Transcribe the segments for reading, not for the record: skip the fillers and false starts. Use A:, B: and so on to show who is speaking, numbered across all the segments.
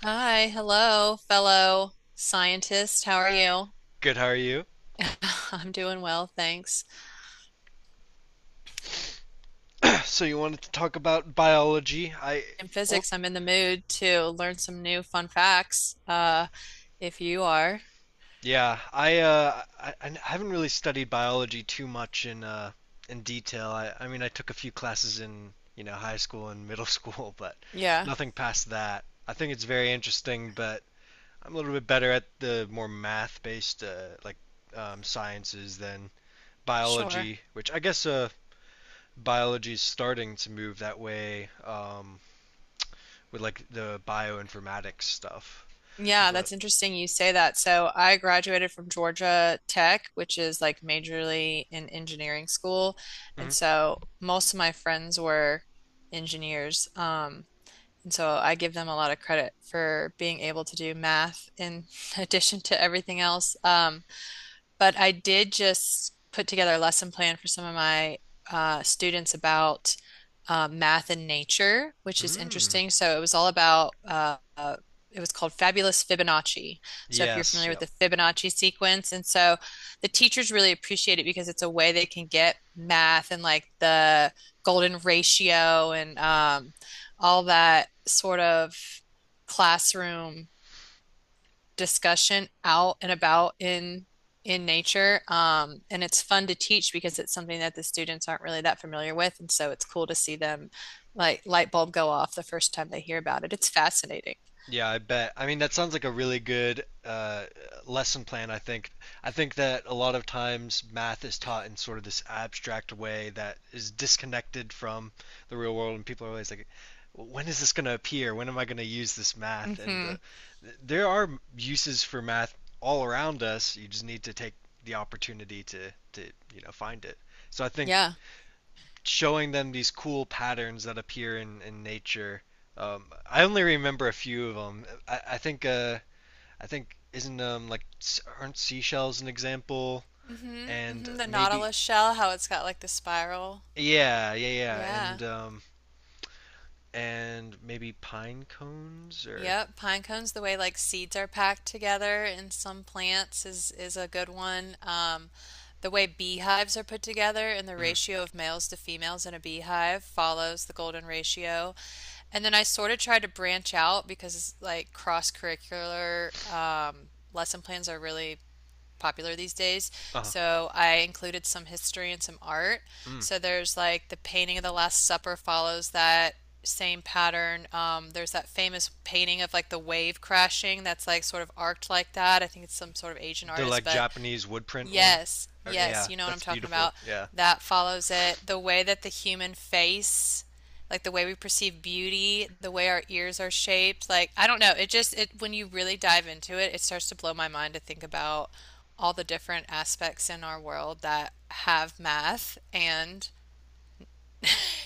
A: Hi, hello, fellow scientist. How are you?
B: Good, how are you?
A: I'm doing well, thanks.
B: So you wanted to talk about biology?
A: In
B: Oh,
A: physics, I'm in the mood to learn some new fun facts. If you are,
B: yeah, I haven't really studied biology too much in detail. I mean, I took a few classes in, you know, high school and middle school, but
A: yeah,
B: nothing past that. I think it's very interesting, but I'm a little bit better at the more math-based, like, sciences than
A: sure.
B: biology, which I guess, biology is starting to move that way. With like the bioinformatics stuff.
A: Yeah,
B: But
A: that's interesting you say that. So I graduated from Georgia Tech, which is like majorly in engineering school. And
B: mm,
A: so most of my friends were engineers. And so I give them a lot of credit for being able to do math in addition to everything else. But I did just put together a lesson plan for some of my students about math and nature, which is
B: mm,
A: interesting. So it was all about, it was called Fabulous Fibonacci. So if you're
B: yes,
A: familiar with
B: yep.
A: the Fibonacci sequence, and so the teachers really appreciate it because it's a way they can get math and like the golden ratio and all that sort of classroom discussion out and about in nature. And it's fun to teach because it's something that the students aren't really that familiar with. And so it's cool to see them like light bulb go off the first time they hear about it. It's fascinating.
B: Yeah, I bet. I mean, that sounds like a really good lesson plan, I think. I think that a lot of times math is taught in sort of this abstract way that is disconnected from the real world, and people are always like, when is this going to appear? When am I going to use this math? And
A: Hmm.
B: there are uses for math all around us. You just need to take the opportunity to find it. So I think
A: Yeah.
B: showing them these cool patterns that appear in nature. I only remember a few of them. I think isn't like aren't seashells an example?
A: Hmm,
B: And
A: hmm. The
B: maybe
A: nautilus shell, how it's got like the spiral.
B: yeah, yeah, yeah,
A: Yeah.
B: and and maybe pine cones or
A: Yep, pine cones, the way like seeds are packed together in some plants is a good one. The way beehives are put together and the
B: mm,
A: ratio of males to females in a beehive follows the golden ratio. And then I sort of tried to branch out because like cross-curricular lesson plans are really popular these days.
B: uh
A: So I included some history and some art.
B: mm,
A: So there's like the painting of the Last Supper follows that same pattern. There's that famous painting of like the wave crashing that's like sort of arced like that. I think it's some sort of Asian
B: the
A: artist,
B: like
A: but
B: Japanese wood print one.
A: yes,
B: Oh
A: yes,
B: yeah,
A: you know what I'm
B: that's
A: talking
B: beautiful.
A: about.
B: Yeah,
A: That follows it. The way that the human face, like the way we perceive beauty, the way our ears are shaped, like I don't know, it just it when you really dive into it, it starts to blow my mind to think about all the different aspects in our world that have math and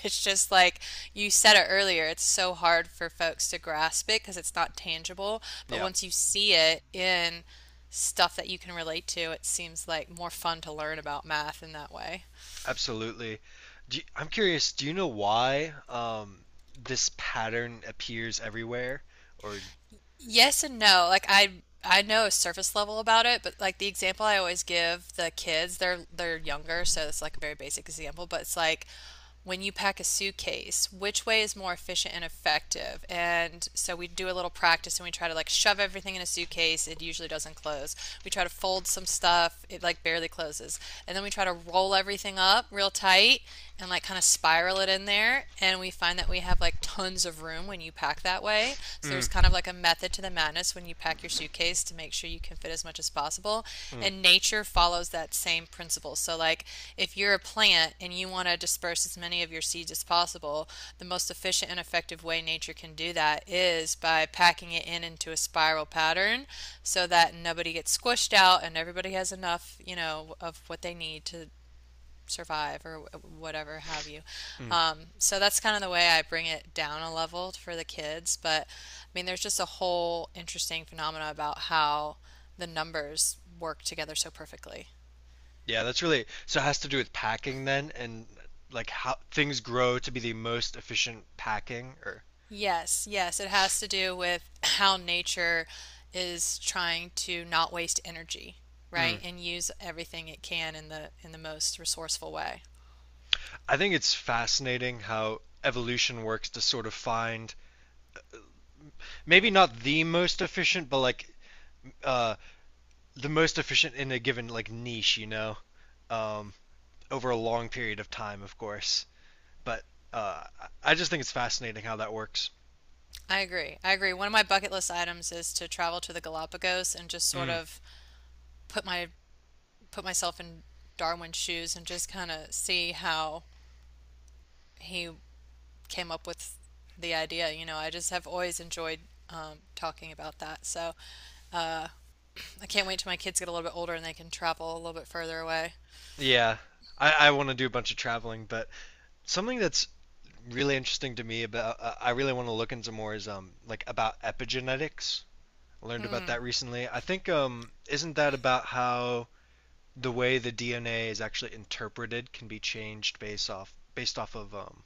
A: it's just like you said it earlier, it's so hard for folks to grasp it because it's not tangible. But
B: yeah.
A: once you see it in stuff that you can relate to, it seems like more fun to learn about math in that way.
B: Absolutely. I'm curious, do you know why this pattern appears everywhere? Or
A: Yes and no. Like I know a surface level about it, but like the example I always give the kids, they're younger, so it's like a very basic example, but it's like when you pack a suitcase, which way is more efficient and effective? And so we do a little practice and we try to like shove everything in a suitcase. It usually doesn't close. We try to fold some stuff. It like barely closes. And then we try to roll everything up real tight and like kind of spiral it in there. And we find that we have like tons of room when you pack that way. So there's kind
B: mm,
A: of like a method to the madness when you pack your suitcase to make sure you can fit as much as possible.
B: mm,
A: And nature follows that same principle. So, like, if you're a plant and you want to disperse as many of your seeds as possible, the most efficient and effective way nature can do that is by packing it in into a spiral pattern so that nobody gets squished out and everybody has enough, you know, of what they need to survive or whatever have you.
B: mm.
A: So that's kind of the way I bring it down a level for the kids. But I mean, there's just a whole interesting phenomena about how the numbers work together so perfectly.
B: Yeah, that's really, so it has to do with packing then and like how things grow to be the most efficient packing or
A: Yes, yes, it has to do with how nature is trying to not waste energy, right?
B: mm.
A: And use everything it can in the most resourceful way.
B: I think it's fascinating how evolution works to sort of find maybe not the most efficient, but like uh, the most efficient in a given like niche, you know, um, over a long period of time, of course. But uh, I just think it's fascinating how that works.
A: I agree. I agree. One of my bucket list items is to travel to the Galapagos and just sort
B: Mm,
A: of put my put myself in Darwin's shoes and just kind of see how he came up with the idea. You know, I just have always enjoyed talking about that. So I can't wait till my kids get a little bit older and they can travel a little bit further away.
B: yeah, I want to do a bunch of traveling, but something that's really interesting to me about I really want to look into more is like about epigenetics. I learned about
A: Mm.
B: that recently. I think isn't that about how the way the DNA is actually interpreted can be changed based off of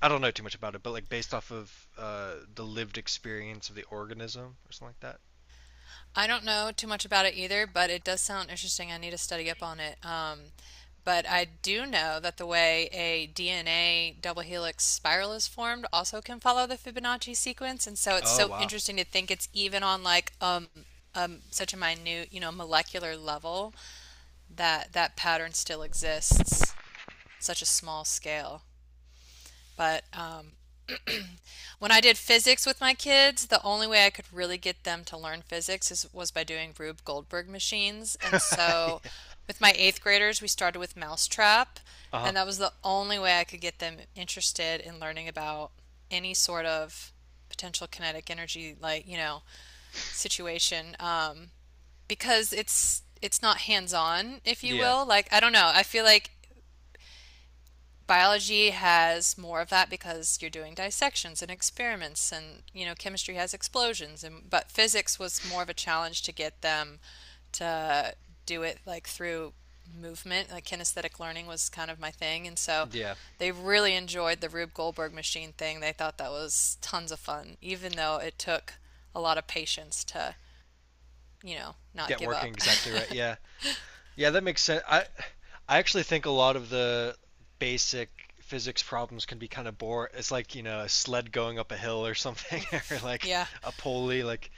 B: I don't know too much about it, but like based off of the lived experience of the organism or something like that.
A: I don't know too much about it either, but it does sound interesting. I need to study up on it. But I do know that the way a DNA double helix spiral is formed also can follow the Fibonacci sequence, and so it's
B: Oh
A: so
B: wow.
A: interesting to think it's even on like such a minute, you know, molecular level that that pattern still exists, such a small scale. But when I did physics with my kids, the only way I could really get them to learn physics was by doing Rube Goldberg machines. And
B: uh
A: so with my eighth graders, we started with Mousetrap,
B: huh.
A: and that was the only way I could get them interested in learning about any sort of potential kinetic energy, like, you know, situation. Because it's not hands-on, if you
B: Yeah.
A: will. Like, I don't know. I feel like biology has more of that because you're doing dissections and experiments and you know chemistry has explosions and but physics was more of a challenge to get them to do it like through movement like kinesthetic learning was kind of my thing and so
B: Yeah.
A: they really enjoyed the Rube Goldberg machine thing they thought that was tons of fun even though it took a lot of patience to you know not
B: Get
A: give
B: working
A: up.
B: exactly right. Yeah, yeah, that makes sense. I actually think a lot of the basic physics problems can be kind of boring. It's like, you know, a sled going up a hill or something, or like
A: Yeah,
B: a pulley. Like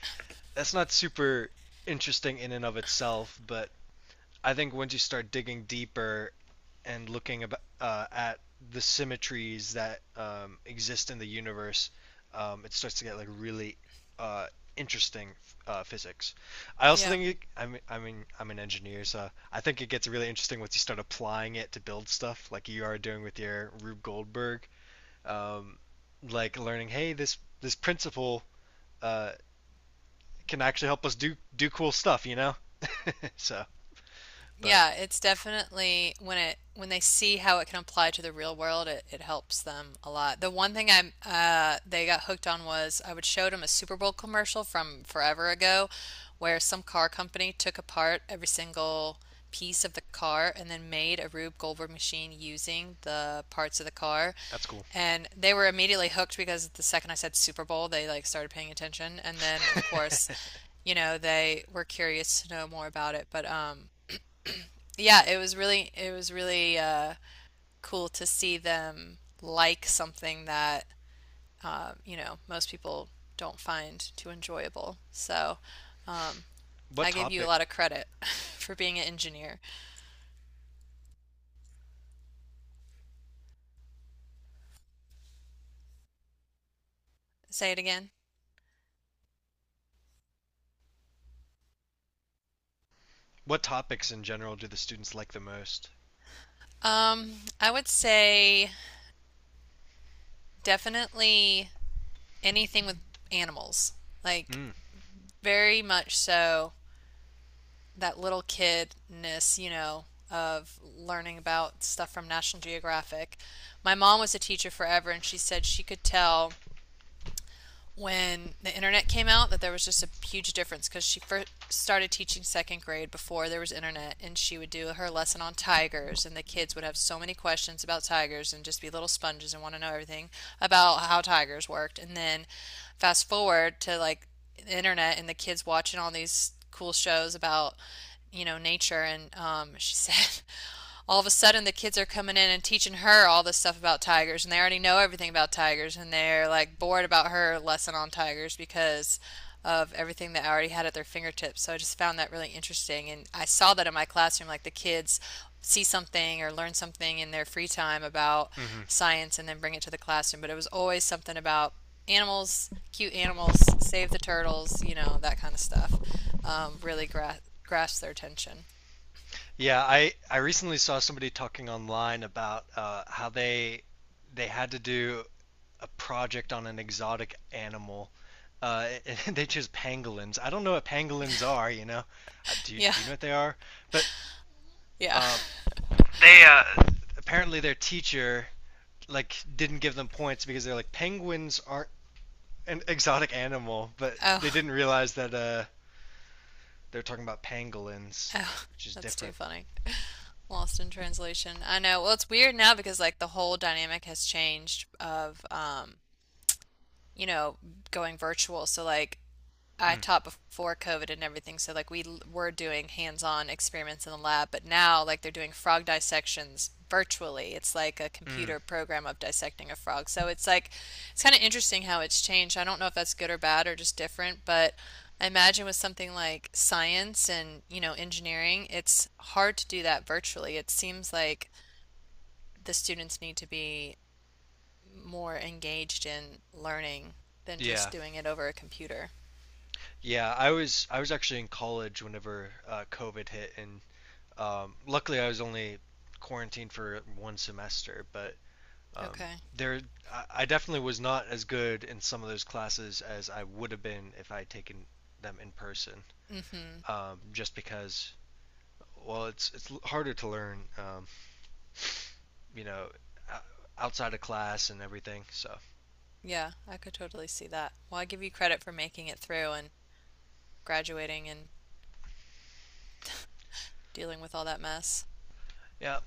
B: that's not super interesting in and of itself, but I think once you start digging deeper and at the symmetries that exist in the universe, it starts to get like really uh, interesting physics. I also
A: yeah.
B: think it, I mean I'm an engineer, so I think it gets really interesting once you start applying it to build stuff, like you are doing with your Rube Goldberg, um, like learning, hey, this principle uh, can actually help us do cool stuff, you know. So, but
A: Yeah, it's definitely when it when they see how it can apply to the real world, it helps them a lot. The one thing I they got hooked on was I would show them a Super Bowl commercial from forever ago, where some car company took apart every single piece of the car and then made a Rube Goldberg machine using the parts of the car.
B: that's cool.
A: And they were immediately hooked because the second I said Super Bowl, they like started paying attention. And then, of course, you know, they were curious to know more about it. But yeah, it was really cool to see them like something that you know most people don't find too enjoyable. So um,
B: what
A: I give you a
B: topic?
A: lot of credit for being an engineer. Say it again.
B: What topics in general do the students like the most?
A: Um, I would say definitely anything with animals, like
B: Mm.
A: very much so that little kidness, you know, of learning about stuff from National Geographic. My mom was a teacher forever, and she said she could tell when the internet came out that there was just a huge difference because she first started teaching second grade before there was internet and she would do her lesson on tigers and the kids would have so many questions about tigers and just be little sponges and want to know everything about how tigers worked and then fast forward to like the internet and the kids watching all these cool shows about you know nature and she said all of a sudden the kids are coming in and teaching her all this stuff about tigers and they already know everything about tigers and they're like bored about her lesson on tigers because of everything that I already had at their fingertips. So I just found that really interesting and I saw that in my classroom like the kids see something or learn something in their free time about
B: hmm
A: science and then bring it to the classroom, but it was always something about animals, cute animals, save the turtles, you know, that kind of stuff. Really gra grasped their attention.
B: Yeah, I recently saw somebody talking online about how they had to do a project on an exotic animal. Uh, and they chose pangolins. I don't know what pangolins are, you know.
A: Yeah.
B: Do you know what they are? But
A: Yeah.
B: uh, they apparently their teacher like didn't give them points because they're like penguins aren't an exotic animal, but they
A: Oh.
B: didn't realize that they're talking about pangolins,
A: Oh,
B: which is
A: that's too
B: different.
A: funny. Lost in translation. I know. Well, it's weird now because like the whole dynamic has changed of you know, going virtual. So like I
B: Mm,
A: taught before COVID and everything, so like we l- were doing hands-on experiments in the lab, but now like they're doing frog dissections virtually. It's like a
B: mm,
A: computer program of dissecting a frog. So it's like it's kind of interesting how it's changed. I don't know if that's good or bad or just different, but I imagine with something like science and, you know, engineering, it's hard to do that virtually. It seems like the students need to be more engaged in learning than
B: yeah,
A: just doing it over a computer.
B: yeah. I was actually in college whenever COVID hit, and luckily I was only quarantined for one semester. But um,
A: Okay.
B: there, I definitely was not as good in some of those classes as I would have been if I had taken them in person.
A: Mm-hmm.
B: Just because, well, it's harder to learn, you know, outside of class and everything. So
A: Yeah, I could totally see that. Well, I give you credit for making it through and graduating and dealing with all that mess.
B: yeah,